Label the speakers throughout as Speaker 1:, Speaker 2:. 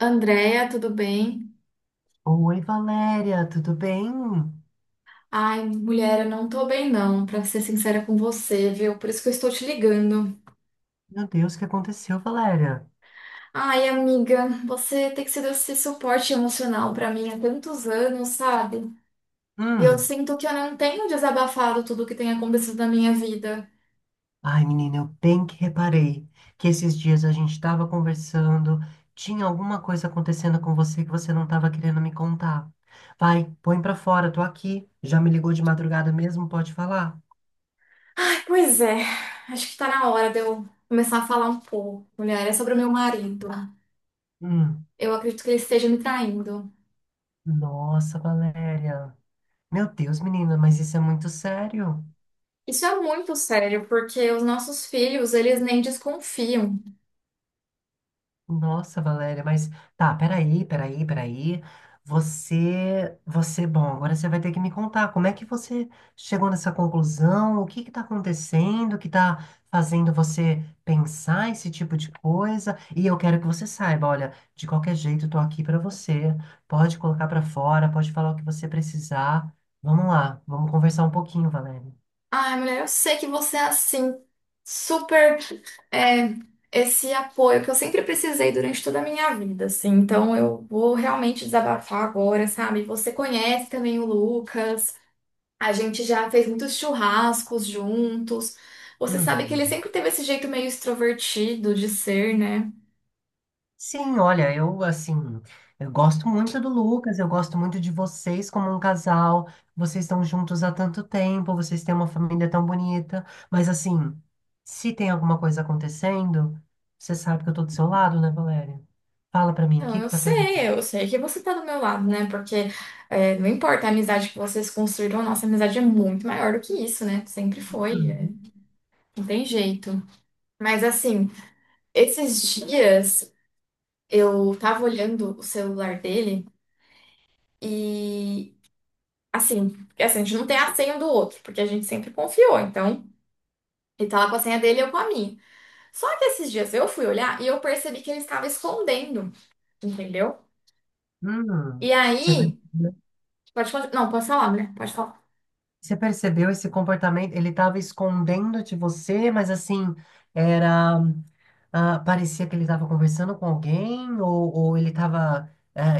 Speaker 1: Andréia, tudo bem?
Speaker 2: Oi, Valéria, tudo bem?
Speaker 1: Ai, mulher, eu não tô bem não, pra ser sincera com você, viu? Por isso que eu estou te ligando.
Speaker 2: Meu Deus, o que aconteceu, Valéria?
Speaker 1: Ai, amiga, você tem sido esse suporte emocional pra mim há tantos anos, sabe? E eu
Speaker 2: Hum.
Speaker 1: sinto que eu não tenho desabafado tudo o que tem acontecido na minha vida.
Speaker 2: Ai, menina, eu bem que reparei que esses dias a gente estava conversando, tinha alguma coisa acontecendo com você que você não estava querendo me contar. Vai, põe pra fora, tô aqui. Já me ligou de madrugada mesmo, pode falar?
Speaker 1: Pois é, acho que tá na hora de eu começar a falar um pouco, mulher, é sobre o meu marido.
Speaker 2: Hum.
Speaker 1: Eu acredito que ele esteja me traindo.
Speaker 2: Nossa, Valéria. Meu Deus, menina, mas isso é muito sério.
Speaker 1: Isso é muito sério, porque os nossos filhos, eles nem desconfiam.
Speaker 2: Nossa, Valéria, mas tá, peraí, peraí, peraí. Você, bom, agora você vai ter que me contar como é que você chegou nessa conclusão, o que que tá acontecendo, que tá fazendo você pensar esse tipo de coisa. E eu quero que você saiba, olha, de qualquer jeito eu tô aqui pra você. Pode colocar pra fora, pode falar o que você precisar. Vamos lá, vamos conversar um pouquinho, Valéria.
Speaker 1: Ai, mulher, eu sei que você é assim, super é, esse apoio que eu sempre precisei durante toda a minha vida, assim. Então eu vou realmente desabafar agora, sabe? Você conhece também o Lucas, a gente já fez muitos churrascos juntos. Você sabe que
Speaker 2: Uhum.
Speaker 1: ele sempre teve esse jeito meio extrovertido de ser, né?
Speaker 2: Sim, olha, eu assim, eu gosto muito do Lucas, eu gosto muito de vocês como um casal. Vocês estão juntos há tanto tempo, vocês têm uma família tão bonita, mas assim, se tem alguma coisa acontecendo, você sabe que eu tô do seu lado, né, Valéria? Fala pra mim, o
Speaker 1: Então
Speaker 2: que que tá pegando?
Speaker 1: eu sei que você tá do meu lado, né? Porque não importa a amizade que vocês construíram, a nossa amizade é muito maior do que isso, né? Sempre foi,
Speaker 2: Hum,
Speaker 1: não tem jeito. Mas assim, esses dias eu tava olhando o celular dele e assim, porque, assim, a gente não tem a senha do outro, porque a gente sempre confiou, então ele tá lá com a senha dele e eu com a minha. Só que esses dias eu fui olhar e eu percebi que ele estava escondendo, entendeu? E
Speaker 2: hum,
Speaker 1: aí,
Speaker 2: você percebeu,
Speaker 1: não, pode falar, né? Pode falar.
Speaker 2: você percebeu esse comportamento? Ele tava escondendo de você, mas assim, era ah, parecia que ele estava conversando com alguém ou ele estava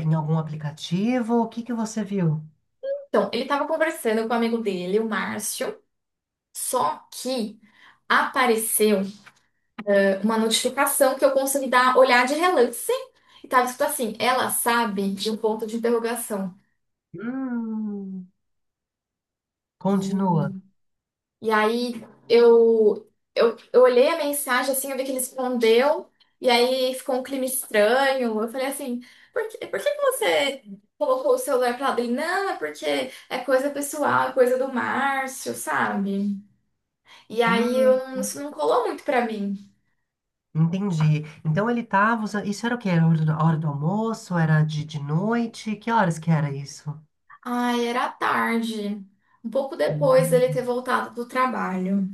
Speaker 2: em algum aplicativo. O que que você viu?
Speaker 1: Então, ele tava conversando com o amigo dele, o Márcio, só que apareceu uma notificação que eu consegui dar olhar de relance e tava escrito assim, ela sabe de um ponto de interrogação.
Speaker 2: Hum, continua.
Speaker 1: E, e aí eu, eu olhei a mensagem assim, eu vi que ele respondeu, e aí ficou um clima estranho. Eu falei assim, por que que você colocou o celular pra lá? Ele, não, é porque é coisa pessoal, é coisa do Márcio, sabe? E aí
Speaker 2: Hum,
Speaker 1: eu, não- isso não colou muito pra mim.
Speaker 2: entendi. Então ele estava usando. Isso era o quê? Era a hora do almoço? Era de noite? Que horas que era isso?
Speaker 1: Ai, era tarde. Um pouco depois
Speaker 2: Hum,
Speaker 1: dele ter voltado do trabalho.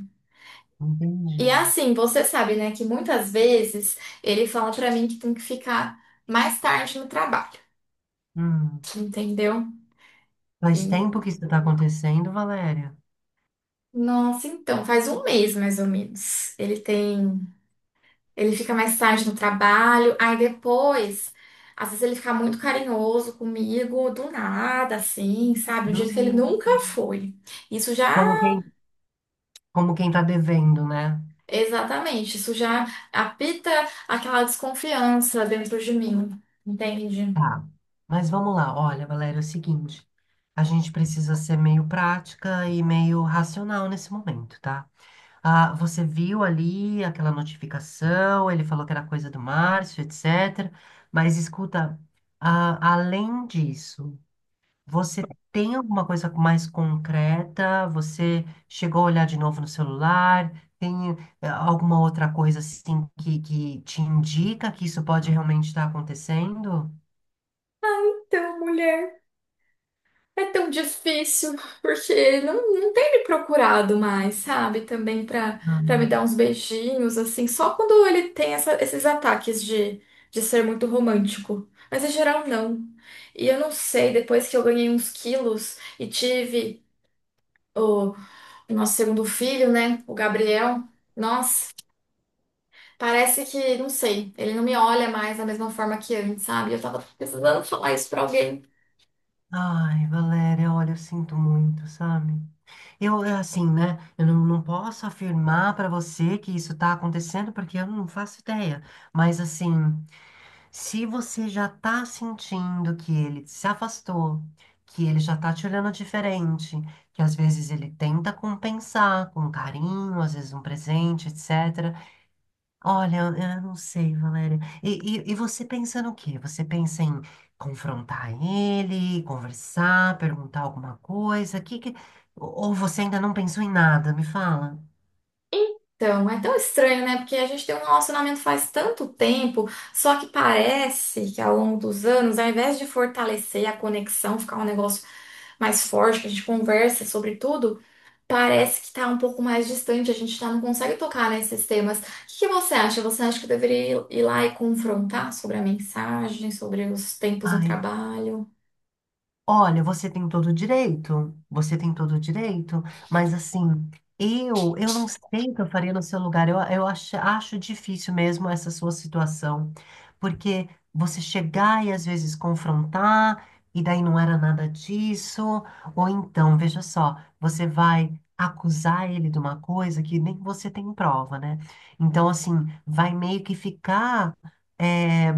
Speaker 2: entendi.
Speaker 1: E assim, você sabe, né, que muitas vezes ele fala pra mim que tem que ficar mais tarde no trabalho,
Speaker 2: Hum,
Speaker 1: entendeu? E
Speaker 2: faz tempo que isso está acontecendo, Valéria?
Speaker 1: nossa, então, faz um mês mais ou menos. Ele tem, ele fica mais tarde no trabalho, aí depois, às vezes ele fica muito carinhoso comigo do nada, assim, sabe? Do jeito que ele
Speaker 2: Hum,
Speaker 1: nunca foi. Isso já,
Speaker 2: como quem, como quem está devendo, né?
Speaker 1: exatamente, isso já apita aquela desconfiança dentro de mim, entende?
Speaker 2: Tá, mas vamos lá. Olha, Valéria, é o seguinte: a gente precisa ser meio prática e meio racional nesse momento, tá? Ah, você viu ali aquela notificação, ele falou que era coisa do Márcio, etc. Mas escuta, além disso, você tem alguma coisa mais concreta? Você chegou a olhar de novo no celular? Tem alguma outra coisa assim que te indica que isso pode realmente estar acontecendo?
Speaker 1: Então, mulher. É tão difícil, porque não tem me procurado mais, sabe? Também pra me dar uns beijinhos, assim, só quando ele tem esses ataques de, ser muito romântico. Mas em geral, não. E eu não sei, depois que eu ganhei uns quilos e tive o, nosso segundo filho, né? O Gabriel, nossa, parece que, não sei, ele não me olha mais da mesma forma que antes, sabe? Eu tava precisando falar isso pra alguém.
Speaker 2: Ai, Valéria, olha, eu sinto muito, sabe? É assim, né? Eu não posso afirmar pra você que isso tá acontecendo, porque eu não faço ideia. Mas, assim, se você já tá sentindo que ele se afastou, que ele já tá te olhando diferente, que às vezes ele tenta compensar com carinho, às vezes um presente, etc. Olha, eu não sei, Valéria. E você pensa no quê? Você pensa em confrontar ele, conversar, perguntar alguma coisa? Ou você ainda não pensou em nada? Me fala.
Speaker 1: Então, é tão estranho, né? Porque a gente tem um relacionamento faz tanto tempo, só que parece que ao longo dos anos, ao invés de fortalecer a conexão, ficar um negócio mais forte, que a gente conversa sobre tudo, parece que tá um pouco mais distante, a gente tá, não consegue tocar nesses temas. O que que você acha? Você acha que eu deveria ir lá e confrontar sobre a mensagem, sobre os tempos no
Speaker 2: Ai,
Speaker 1: trabalho?
Speaker 2: olha, você tem todo o direito, você tem todo o direito, mas assim, eu não sei o que eu faria no seu lugar. Eu acho difícil mesmo essa sua situação, porque você chegar e às vezes confrontar, e daí não era nada disso, ou então, veja só, você vai acusar ele de uma coisa que nem você tem prova, né? Então, assim, vai meio que ficar. eh,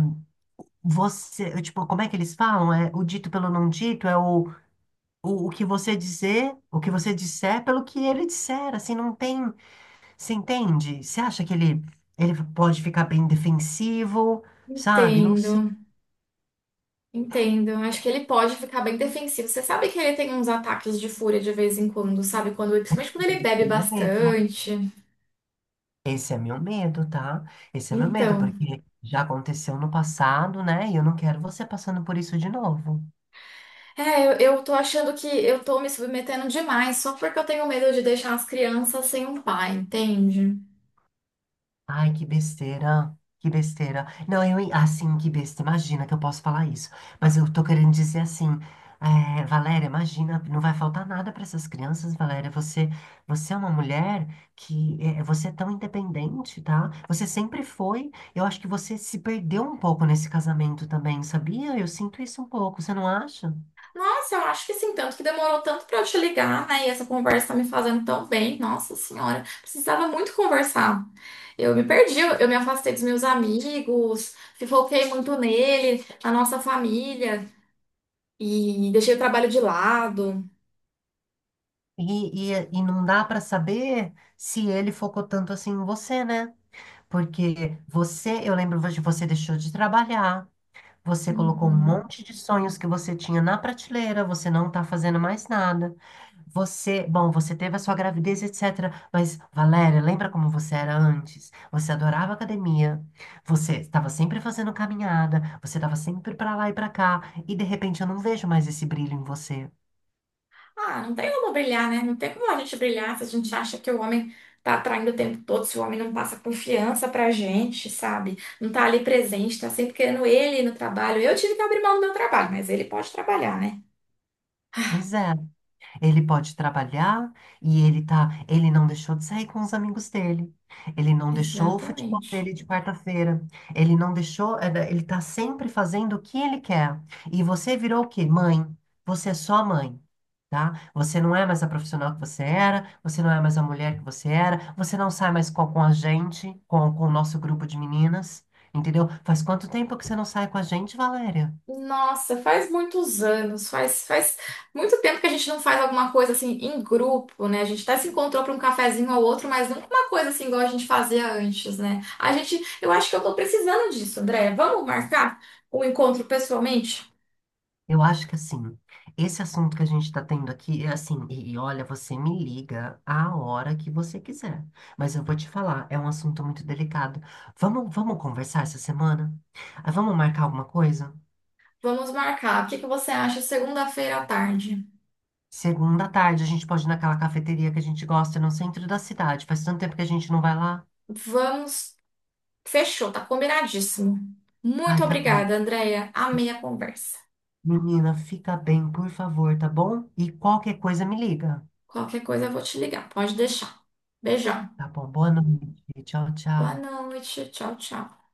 Speaker 2: Você, tipo, como é que eles falam? É, o dito pelo não dito é o que você dizer, o que você disser pelo que ele disser, assim, não tem, você entende? Você acha que ele pode ficar bem defensivo, sabe? Não
Speaker 1: Entendo.
Speaker 2: sei,
Speaker 1: Entendo. Acho que ele pode ficar bem defensivo. Você sabe que ele tem uns ataques de fúria de vez em quando, sabe? Quando, principalmente quando ele
Speaker 2: esse
Speaker 1: bebe
Speaker 2: é meu medo.
Speaker 1: bastante.
Speaker 2: Esse é meu medo, tá? Esse é meu medo,
Speaker 1: Então,
Speaker 2: porque já aconteceu no passado, né? E eu não quero você passando por isso de novo.
Speaker 1: eu tô achando que eu tô me submetendo demais só porque eu tenho medo de deixar as crianças sem um pai, entende?
Speaker 2: Ai, que besteira. Que besteira. Não, assim, que besteira. Imagina que eu posso falar isso. Mas eu tô querendo dizer assim, Valéria, imagina, não vai faltar nada para essas crianças, Valéria. Você é uma mulher, você é tão independente, tá? Você sempre foi. Eu acho que você se perdeu um pouco nesse casamento também, sabia? Eu sinto isso um pouco, você não acha?
Speaker 1: Nossa, eu acho que sim, tanto que demorou tanto pra eu te ligar, né? E essa conversa tá me fazendo tão bem. Nossa senhora, precisava muito conversar. Eu me perdi, eu me afastei dos meus amigos, foquei muito nele, na nossa família. E deixei o trabalho de lado.
Speaker 2: E não dá para saber se ele focou tanto assim em você, né? Porque eu lembro de você deixou de trabalhar, você colocou um
Speaker 1: Uhum.
Speaker 2: monte de sonhos que você tinha na prateleira, você não tá fazendo mais nada. Bom, você teve a sua gravidez, etc. Mas, Valéria, lembra como você era antes? Você adorava academia, você estava sempre fazendo caminhada, você estava sempre pra lá e pra cá, e de repente eu não vejo mais esse brilho em você.
Speaker 1: Ah, não tem como brilhar, né? Não tem como a gente brilhar se a gente acha que o homem tá atraindo o tempo todo, se o homem não passa confiança pra gente, sabe? Não tá ali presente, tá sempre querendo ele no trabalho. Eu tive que abrir mão do meu trabalho, mas ele pode trabalhar, né?
Speaker 2: Pois é. Ele pode trabalhar e ele não deixou de sair com os amigos dele. Ele não deixou o futebol
Speaker 1: Exatamente.
Speaker 2: dele de quarta-feira. Ele não deixou, ele tá sempre fazendo o que ele quer. E você virou o quê? Mãe. Você é só mãe, tá? Você não é mais a profissional que você era, você não é mais a mulher que você era, você não sai mais com a gente, com o nosso grupo de meninas, entendeu? Faz quanto tempo que você não sai com a gente, Valéria?
Speaker 1: Nossa, faz muitos anos, faz muito tempo que a gente não faz alguma coisa assim em grupo, né? A gente até se encontrou para um cafezinho ou outro, mas nunca uma coisa assim igual a gente fazia antes, né? A gente, eu acho que eu tô precisando disso, André. Vamos marcar o encontro pessoalmente?
Speaker 2: Eu acho que assim, esse assunto que a gente está tendo aqui é assim, e olha, você me liga a hora que você quiser. Mas eu vou te falar, é um assunto muito delicado. Vamos, vamos conversar essa semana? Ah, vamos marcar alguma coisa?
Speaker 1: Vamos marcar. O que que você acha segunda-feira à tarde?
Speaker 2: Segunda à tarde, a gente pode ir naquela cafeteria que a gente gosta no centro da cidade. Faz tanto tempo que a gente não vai lá.
Speaker 1: Vamos. Fechou, tá combinadíssimo. Muito
Speaker 2: Ai, tá bom.
Speaker 1: obrigada, Andréia. Amei a conversa.
Speaker 2: Menina, fica bem, por favor, tá bom? E qualquer coisa me liga.
Speaker 1: Qualquer coisa eu vou te ligar, pode deixar. Beijão.
Speaker 2: Tá bom, boa noite. Tchau,
Speaker 1: Boa
Speaker 2: tchau.
Speaker 1: noite. Tchau, tchau.